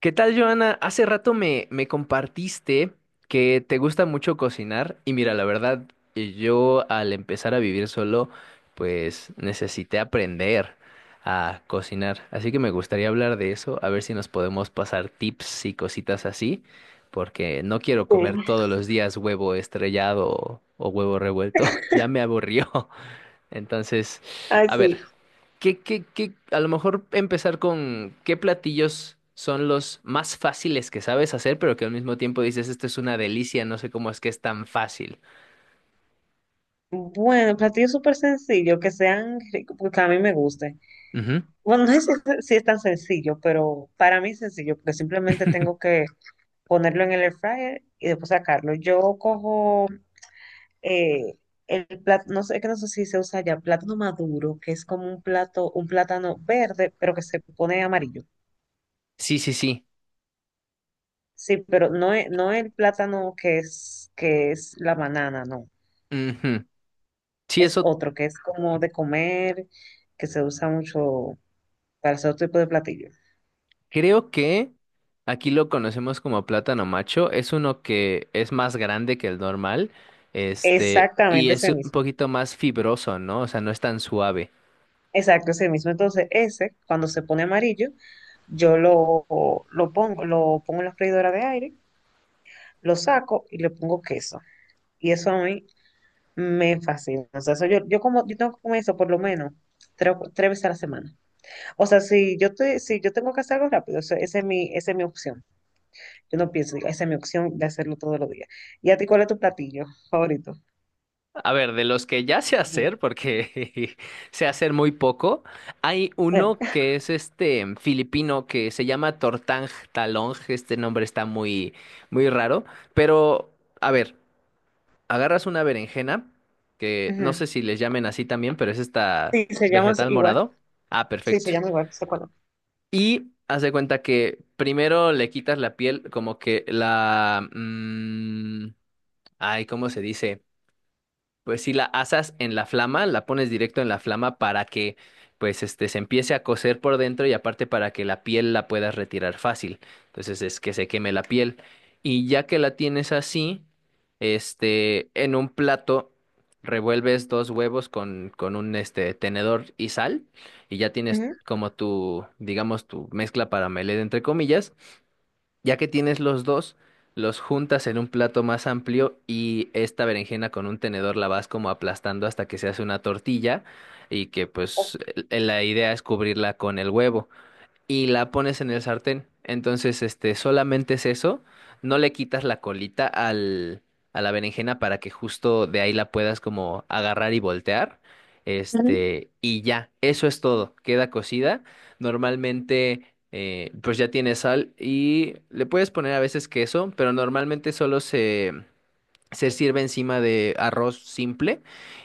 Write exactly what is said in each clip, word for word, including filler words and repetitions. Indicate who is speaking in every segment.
Speaker 1: ¿Qué tal, Joana? Hace rato me, me compartiste que te gusta mucho cocinar y mira, la verdad, eh, yo al empezar a vivir solo, pues necesité aprender a cocinar. Así que me gustaría hablar de eso, a ver si nos podemos pasar tips y cositas así, porque no quiero
Speaker 2: Sí,
Speaker 1: comer todos los días huevo estrellado o, o huevo revuelto, ya me aburrió. Entonces,
Speaker 2: ay,
Speaker 1: a
Speaker 2: sí.
Speaker 1: ver. ¿Qué, qué, qué, A lo mejor empezar con qué platillos son los más fáciles que sabes hacer, pero que al mismo tiempo dices, esto es una delicia, no sé cómo es que es tan fácil.
Speaker 2: Bueno, platillos súper sencillos, que sean ricos, porque a mí me gusten.
Speaker 1: Ujú.
Speaker 2: Bueno, no sé si es, si es tan sencillo, pero para mí es sencillo, porque simplemente tengo que ponerlo en el air fryer y después sacarlo. Yo cojo eh, el plátano, no sé, que no sé si se usa ya, plátano maduro, que es como un plato, un plátano verde, pero que se pone amarillo.
Speaker 1: Sí, sí, sí.
Speaker 2: Sí, pero no es, no el plátano que es, que es la banana, no.
Speaker 1: Ujú. Sí,
Speaker 2: Es
Speaker 1: eso
Speaker 2: otro, que es como de comer, que se usa mucho para ese otro tipo de platillo.
Speaker 1: creo que aquí lo conocemos como plátano macho. Es uno que es más grande que el normal, este, y
Speaker 2: Exactamente
Speaker 1: es
Speaker 2: ese
Speaker 1: un
Speaker 2: mismo.
Speaker 1: poquito más fibroso, ¿no? O sea, no es tan suave.
Speaker 2: Exacto, ese mismo. Entonces, ese, cuando se pone amarillo, yo lo, lo pongo, lo pongo en la freidora de aire, lo saco y le pongo queso. Y eso a mí me fascina. O sea, eso yo, yo como, yo tengo que comer eso por lo menos tres, tres veces a la semana. O sea, si yo te, si yo tengo que hacer algo rápido, eso- esa es mi, esa es mi opción. Yo no pienso, digo, esa es mi opción de hacerlo todos los días. ¿Y a ti cuál es tu platillo favorito?
Speaker 1: A ver, de los que ya sé
Speaker 2: Ujú.
Speaker 1: hacer, porque sé hacer muy poco, hay uno
Speaker 2: Eh,
Speaker 1: que es este em, filipino que se llama Tortang Talong. Este nombre está muy, muy raro. Pero, a ver, agarras una berenjena, que no
Speaker 2: ujú.
Speaker 1: sé si les llamen así también, pero es esta
Speaker 2: Sí, se llama
Speaker 1: vegetal
Speaker 2: igual.
Speaker 1: morado. Ah,
Speaker 2: Sí, se
Speaker 1: perfecto.
Speaker 2: llama igual, se conoce.
Speaker 1: Y haz de cuenta que primero le quitas la piel, como que la. mm, ay, ¿cómo se dice? Pues si la asas en la flama, la pones directo en la flama para que pues este se empiece a cocer por dentro y aparte para que la piel la puedas retirar fácil. Entonces es que se queme la piel. Y ya que la tienes así, este, en un plato revuelves dos huevos con, con un este tenedor y sal y ya tienes
Speaker 2: Ujú.
Speaker 1: como tu, digamos, tu mezcla para melé entre comillas. Ya que tienes los dos, los juntas en un plato más amplio y esta berenjena con un tenedor la vas como aplastando hasta que se hace una tortilla y que pues el- la idea es cubrirla con el huevo y la pones en el sartén. Entonces, este, solamente es eso. No le quitas la colita al, a la berenjena para que justo de ahí la puedas como agarrar y voltear.
Speaker 2: Ujú.
Speaker 1: Este, y ya, eso es todo. Queda cocida. Normalmente, eh, pues ya tiene sal y le puedes poner a veces queso, pero normalmente solo se se sirve encima de arroz simple.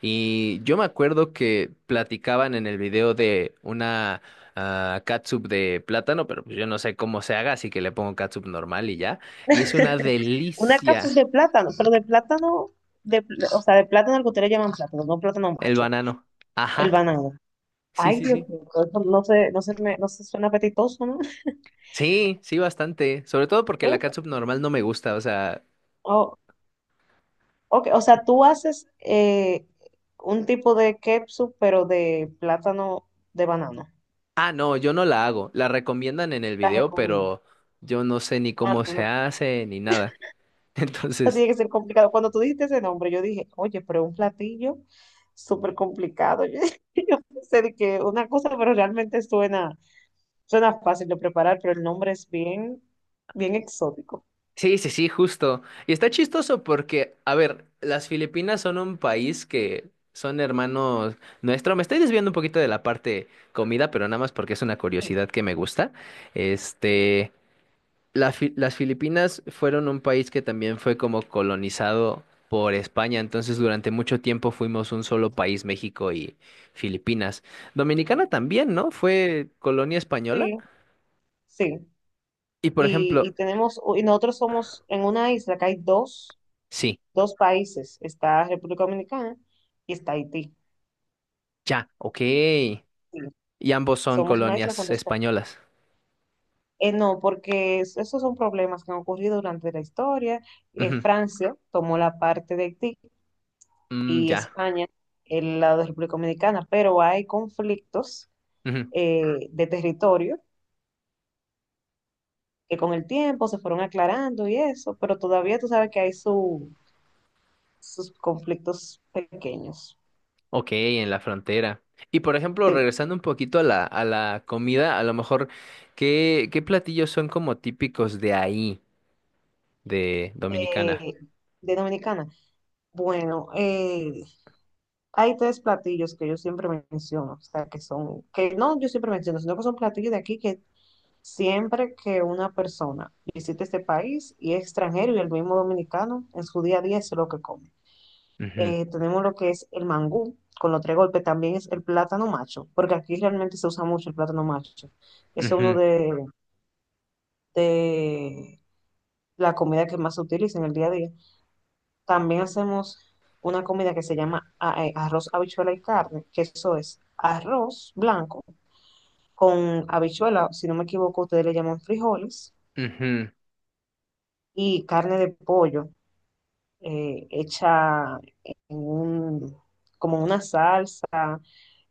Speaker 1: Y yo me acuerdo que platicaban en el video de una ah, catsup de plátano, pero pues yo no sé cómo se haga, así que le pongo catsup normal y ya. Y es una
Speaker 2: Una
Speaker 1: delicia
Speaker 2: capuz de plátano, pero de plátano, de, pl- o sea, de plátano al que ustedes le llaman plátano, no plátano
Speaker 1: el
Speaker 2: macho,
Speaker 1: banano.
Speaker 2: el
Speaker 1: Ajá.
Speaker 2: banano.
Speaker 1: Sí,
Speaker 2: Ay,
Speaker 1: sí,
Speaker 2: Dios
Speaker 1: sí.
Speaker 2: mío, eso no se, no se me, no se suena apetitoso, ¿no?
Speaker 1: Sí, sí, bastante. Sobre todo porque la
Speaker 2: ¿Eh?
Speaker 1: catsup normal no me gusta, o sea.
Speaker 2: Oh, ok, o sea, tú haces eh, un tipo de ketchup, pero de plátano, de banano.
Speaker 1: Ah, no, yo no la hago. La recomiendan en el
Speaker 2: La
Speaker 1: video,
Speaker 2: recomiendo.
Speaker 1: pero yo no sé ni
Speaker 2: Ah,
Speaker 1: cómo
Speaker 2: tú
Speaker 1: se
Speaker 2: no-
Speaker 1: hace ni nada.
Speaker 2: Eso
Speaker 1: Entonces.
Speaker 2: tiene que ser complicado. Cuando tú dijiste ese nombre, yo dije, oye, pero un platillo súper complicado. Sé de que una cosa, pero realmente suena, suena fácil de preparar, pero el nombre es bien, bien exótico.
Speaker 1: Sí, sí, sí, justo. Y está chistoso porque, a ver, las Filipinas son un país que son hermanos nuestro. Me estoy desviando un poquito de la parte comida, pero nada más porque es una
Speaker 2: Sí,
Speaker 1: curiosidad que me gusta. Este, la Fi- las Filipinas fueron un país que también fue como colonizado por España, entonces durante mucho tiempo fuimos un solo país, México y Filipinas. Dominicana también, ¿no? Fue colonia española.
Speaker 2: sí. Sí.
Speaker 1: Y por
Speaker 2: Y, y
Speaker 1: ejemplo,
Speaker 2: tenemos, y nosotros somos en una isla que hay dos,
Speaker 1: sí,
Speaker 2: dos países, está República Dominicana y está Haití.
Speaker 1: ya, ok.
Speaker 2: Sí,
Speaker 1: Y ambos son
Speaker 2: somos una isla con
Speaker 1: colonias
Speaker 2: dos países.
Speaker 1: españolas.
Speaker 2: Eh, no, porque es- esos son problemas que han ocurrido durante la historia. Eh,
Speaker 1: Ujú.
Speaker 2: Francia tomó la parte de Haití
Speaker 1: Mm,
Speaker 2: y
Speaker 1: ya.
Speaker 2: España el lado de República Dominicana, pero hay conflictos,
Speaker 1: Ujú.
Speaker 2: eh, de territorio, que con el tiempo se fueron aclarando y eso, pero todavía tú sabes que hay su- sus conflictos pequeños.
Speaker 1: Ok, en la frontera. Y por ejemplo,
Speaker 2: Sí,
Speaker 1: regresando un poquito a la, a la comida, a lo mejor, ¿qué, qué platillos son como típicos de ahí, de Dominicana?
Speaker 2: eh, de Dominicana. Bueno, eh, hay tres platillos que yo siempre menciono, o sea, que son, que no yo siempre menciono, sino que son platillos de aquí que siempre que una persona visita este país y es extranjero y el mismo dominicano en su día a día es lo que come.
Speaker 1: Ujú,
Speaker 2: Eh, tenemos lo que es el mangú, con los tres golpes también es el plátano macho, porque aquí realmente se usa mucho el plátano macho. Es uno
Speaker 1: ujú,
Speaker 2: de, de la comida que más se utiliza en el día a día. También hacemos una comida que se llama a- eh, arroz, habichuela y carne, que eso es arroz blanco con habichuela, si no me equivoco, ustedes le llaman frijoles,
Speaker 1: ujú.
Speaker 2: y carne de pollo, eh, hecha en un, como en una salsa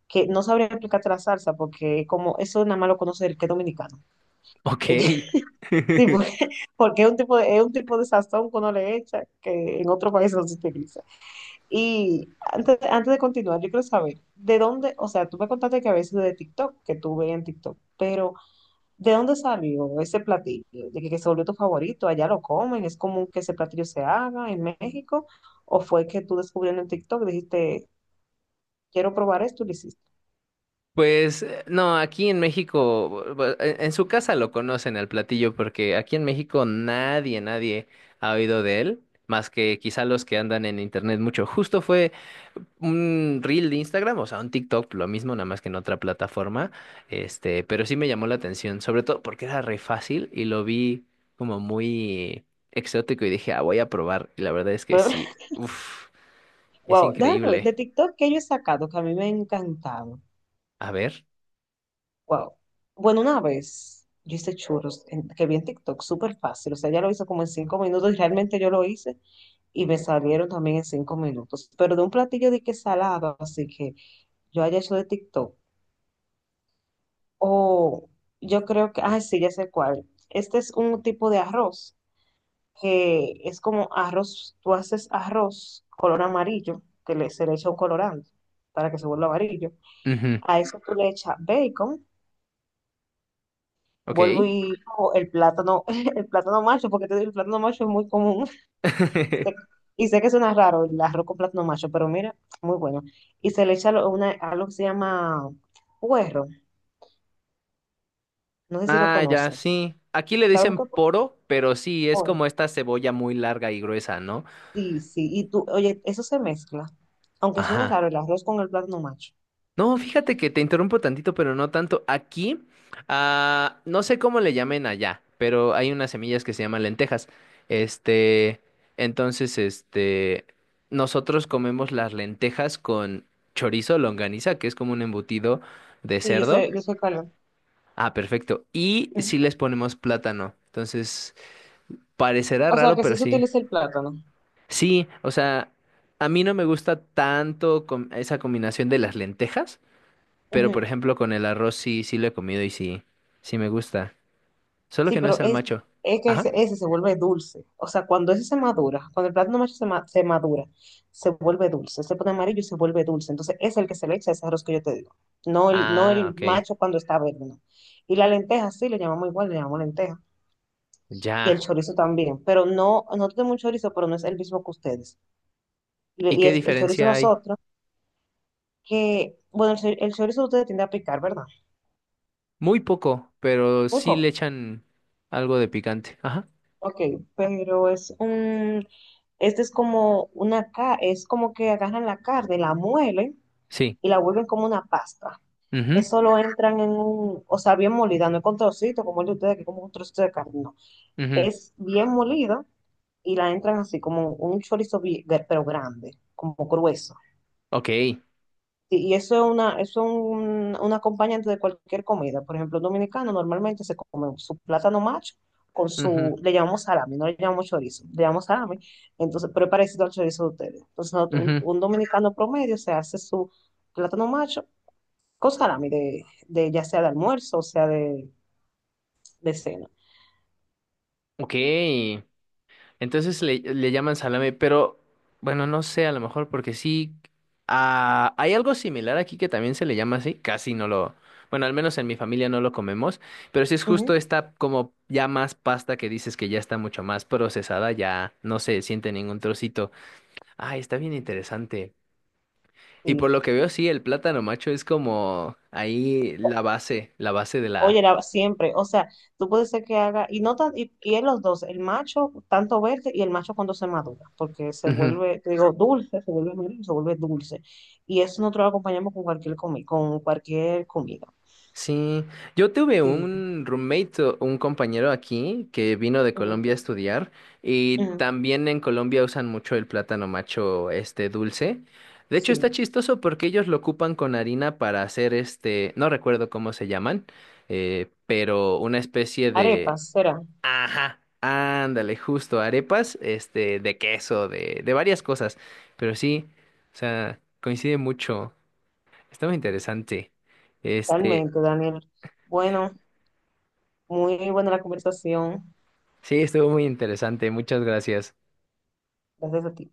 Speaker 2: que no sabría explicarte la salsa porque como eso nada más lo conoce el que es dominicano.
Speaker 1: Ok.
Speaker 2: Sí, porque, porque es un tipo de, es un tipo de sazón que uno le echa que en otros países no se utiliza. Y antes, antes de continuar, yo quiero saber, ¿de dónde, o sea, tú me contaste que a veces de TikTok, que tú ves en TikTok, pero ¿de dónde salió ese platillo? ¿De que, que se volvió tu favorito? ¿Allá lo comen? ¿Es común que ese platillo se haga en México? ¿O fue que tú descubriendo en TikTok dijiste, quiero probar esto y lo hiciste?
Speaker 1: Pues eh, no, aquí en México, bu- bu- en en su casa lo conocen al platillo porque aquí en México nadie, nadie ha oído de él, más que quizá los que andan en internet mucho. Justo fue un reel de Instagram, o sea, un TikTok, lo mismo, nada más que en otra plataforma, este, pero sí me llamó la atención, sobre todo porque era re fácil y lo vi como muy exótico y dije, ah, voy a probar. Y la verdad es que sí, uff, es
Speaker 2: Wow, déjame ver,
Speaker 1: increíble.
Speaker 2: de TikTok que yo he sacado, que a mí me ha encantado.
Speaker 1: A ver.
Speaker 2: Wow. Bueno, una vez yo hice churros en- que vi en TikTok, súper fácil. O sea, ella lo hizo como en cinco minutos y realmente yo lo hice y me salieron también en cinco minutos. Pero de un platillo de que salado, así que yo haya hecho de TikTok. O yo creo que, ah, sí, ya sé cuál. Este es un tipo de arroz que es como arroz, tú haces arroz color amarillo, que le, se le echa un colorante para que se vuelva amarillo.
Speaker 1: Ujú,
Speaker 2: A eso tú le echas bacon. Vuelvo
Speaker 1: ok.
Speaker 2: y cojo el plátano, el plátano macho, porque te digo, el plátano macho es muy común. Sé. Y sé que suena raro el arroz con plátano macho, pero mira, muy bueno. Y se le echa lo- una, algo que se llama puerro. No sé si lo
Speaker 1: Ah, ya,
Speaker 2: conoces.
Speaker 1: sí. Aquí le
Speaker 2: ¿Sabes lo
Speaker 1: dicen
Speaker 2: que es
Speaker 1: poro, pero sí, es
Speaker 2: puerro?
Speaker 1: como esta cebolla muy larga y gruesa, ¿no?
Speaker 2: Sí, sí. Y tú, oye, eso se mezcla. Aunque suene
Speaker 1: Ajá.
Speaker 2: raro el arroz con el plátano macho.
Speaker 1: No, fíjate que te interrumpo tantito, pero no tanto. Aquí, ah, no sé cómo le llamen allá, pero hay unas semillas que se llaman lentejas. Este, entonces, este, nosotros comemos las lentejas con chorizo, longaniza, que es como un embutido de
Speaker 2: Sí, yo
Speaker 1: cerdo.
Speaker 2: sé, yo sé cuál es.
Speaker 1: Ah, perfecto. Y
Speaker 2: Ujú.
Speaker 1: sí les ponemos plátano. Entonces, parecerá
Speaker 2: O sea,
Speaker 1: raro,
Speaker 2: que
Speaker 1: pero
Speaker 2: sí se
Speaker 1: sí.
Speaker 2: utiliza el plátano.
Speaker 1: Sí, o sea, a mí no me gusta tanto com- esa combinación de las lentejas, pero por
Speaker 2: Ujú.
Speaker 1: ejemplo con el arroz sí, sí lo he comido y sí, sí me gusta. Solo
Speaker 2: Sí,
Speaker 1: que no
Speaker 2: pero
Speaker 1: es el
Speaker 2: es,
Speaker 1: macho.
Speaker 2: es que
Speaker 1: Ajá.
Speaker 2: ese, ese se vuelve dulce. O sea, cuando ese se madura, cuando el plátano macho se, ma- se madura, se vuelve dulce, se pone amarillo y se vuelve dulce. Entonces, es el que se le echa ese arroz que yo te digo. No el, no
Speaker 1: Ah,
Speaker 2: el
Speaker 1: ok.
Speaker 2: macho cuando está verde, no. Y la lenteja, sí, le llamamos igual, le llamamos lenteja. Y el
Speaker 1: Ya.
Speaker 2: chorizo también, pero no, no tenemos un chorizo, pero no es el mismo que ustedes. Y,
Speaker 1: ¿Y
Speaker 2: y
Speaker 1: qué
Speaker 2: es el chorizo
Speaker 1: diferencia hay?
Speaker 2: nosotros, que, bueno, el, chor- el chorizo ustedes tienden a picar, ¿verdad?
Speaker 1: Muy poco, pero
Speaker 2: Muy
Speaker 1: sí le
Speaker 2: poco.
Speaker 1: echan algo de picante. Ajá.
Speaker 2: Ok, pero es un, este es como una ca- es como que agarran la carne, la muelen
Speaker 1: Sí.
Speaker 2: y la vuelven como una pasta.
Speaker 1: Mhm.
Speaker 2: Eso lo entran en un, o sea, bien molida, no es con trocito como el de ustedes, que es como un trocito de carne, no.
Speaker 1: Mhm.
Speaker 2: Es bien molida y la entran así como un chorizo, bi- pero grande, como grueso.
Speaker 1: Ok.
Speaker 2: Sí, y eso es una, eso es un, un acompañante de cualquier comida. Por ejemplo, un dominicano normalmente se come su plátano macho con
Speaker 1: Mhm.
Speaker 2: su, le llamamos salami, no le llamamos chorizo, le llamamos salami. Entonces, pero es parecido al chorizo de ustedes. Entonces, no, un,
Speaker 1: Mhm.
Speaker 2: un dominicano promedio se hace su plátano macho con salami, de, de, ya sea de almuerzo o sea de, de cena.
Speaker 1: Ok. Entonces le, le llaman salame, pero bueno, no sé, a lo mejor porque sí. Ah, hay algo similar aquí que también se le llama así, casi no lo, bueno, al menos en mi familia no lo comemos, pero sí es justo
Speaker 2: Ujú.
Speaker 1: esta como ya más pasta que dices que ya está mucho más procesada, ya no se siente ningún trocito. Ah, está bien interesante. Y por lo que veo, sí, el plátano macho es como ahí la base, la base de la...
Speaker 2: Oye, la- siempre, o sea, tú puedes ser que haga, y no tan, y, y en los dos, el macho tanto verde y el macho cuando se madura, porque se
Speaker 1: Ujú.
Speaker 2: vuelve, te digo, dulce, se vuelve amarillo, se vuelve dulce. Y eso nosotros lo acompañamos con cualquier comi, con cualquier comida.
Speaker 1: Sí, yo tuve
Speaker 2: Sí.
Speaker 1: un roommate, o un compañero aquí que vino de
Speaker 2: Ujú,
Speaker 1: Colombia a estudiar y
Speaker 2: ujú,
Speaker 1: también en Colombia usan mucho el plátano macho este dulce. De hecho
Speaker 2: sí.
Speaker 1: está chistoso porque ellos lo ocupan con harina para hacer este, no recuerdo cómo se llaman, eh, pero una especie de,
Speaker 2: Arepas, será,
Speaker 1: ajá, ándale, justo arepas, este, de queso, de, de varias cosas, pero sí, o sea, coincide mucho, está muy interesante. Este,
Speaker 2: realmente, Daniel. Bueno, muy buena la conversación.
Speaker 1: sí, estuvo muy interesante. Muchas gracias.
Speaker 2: Gracias a ti.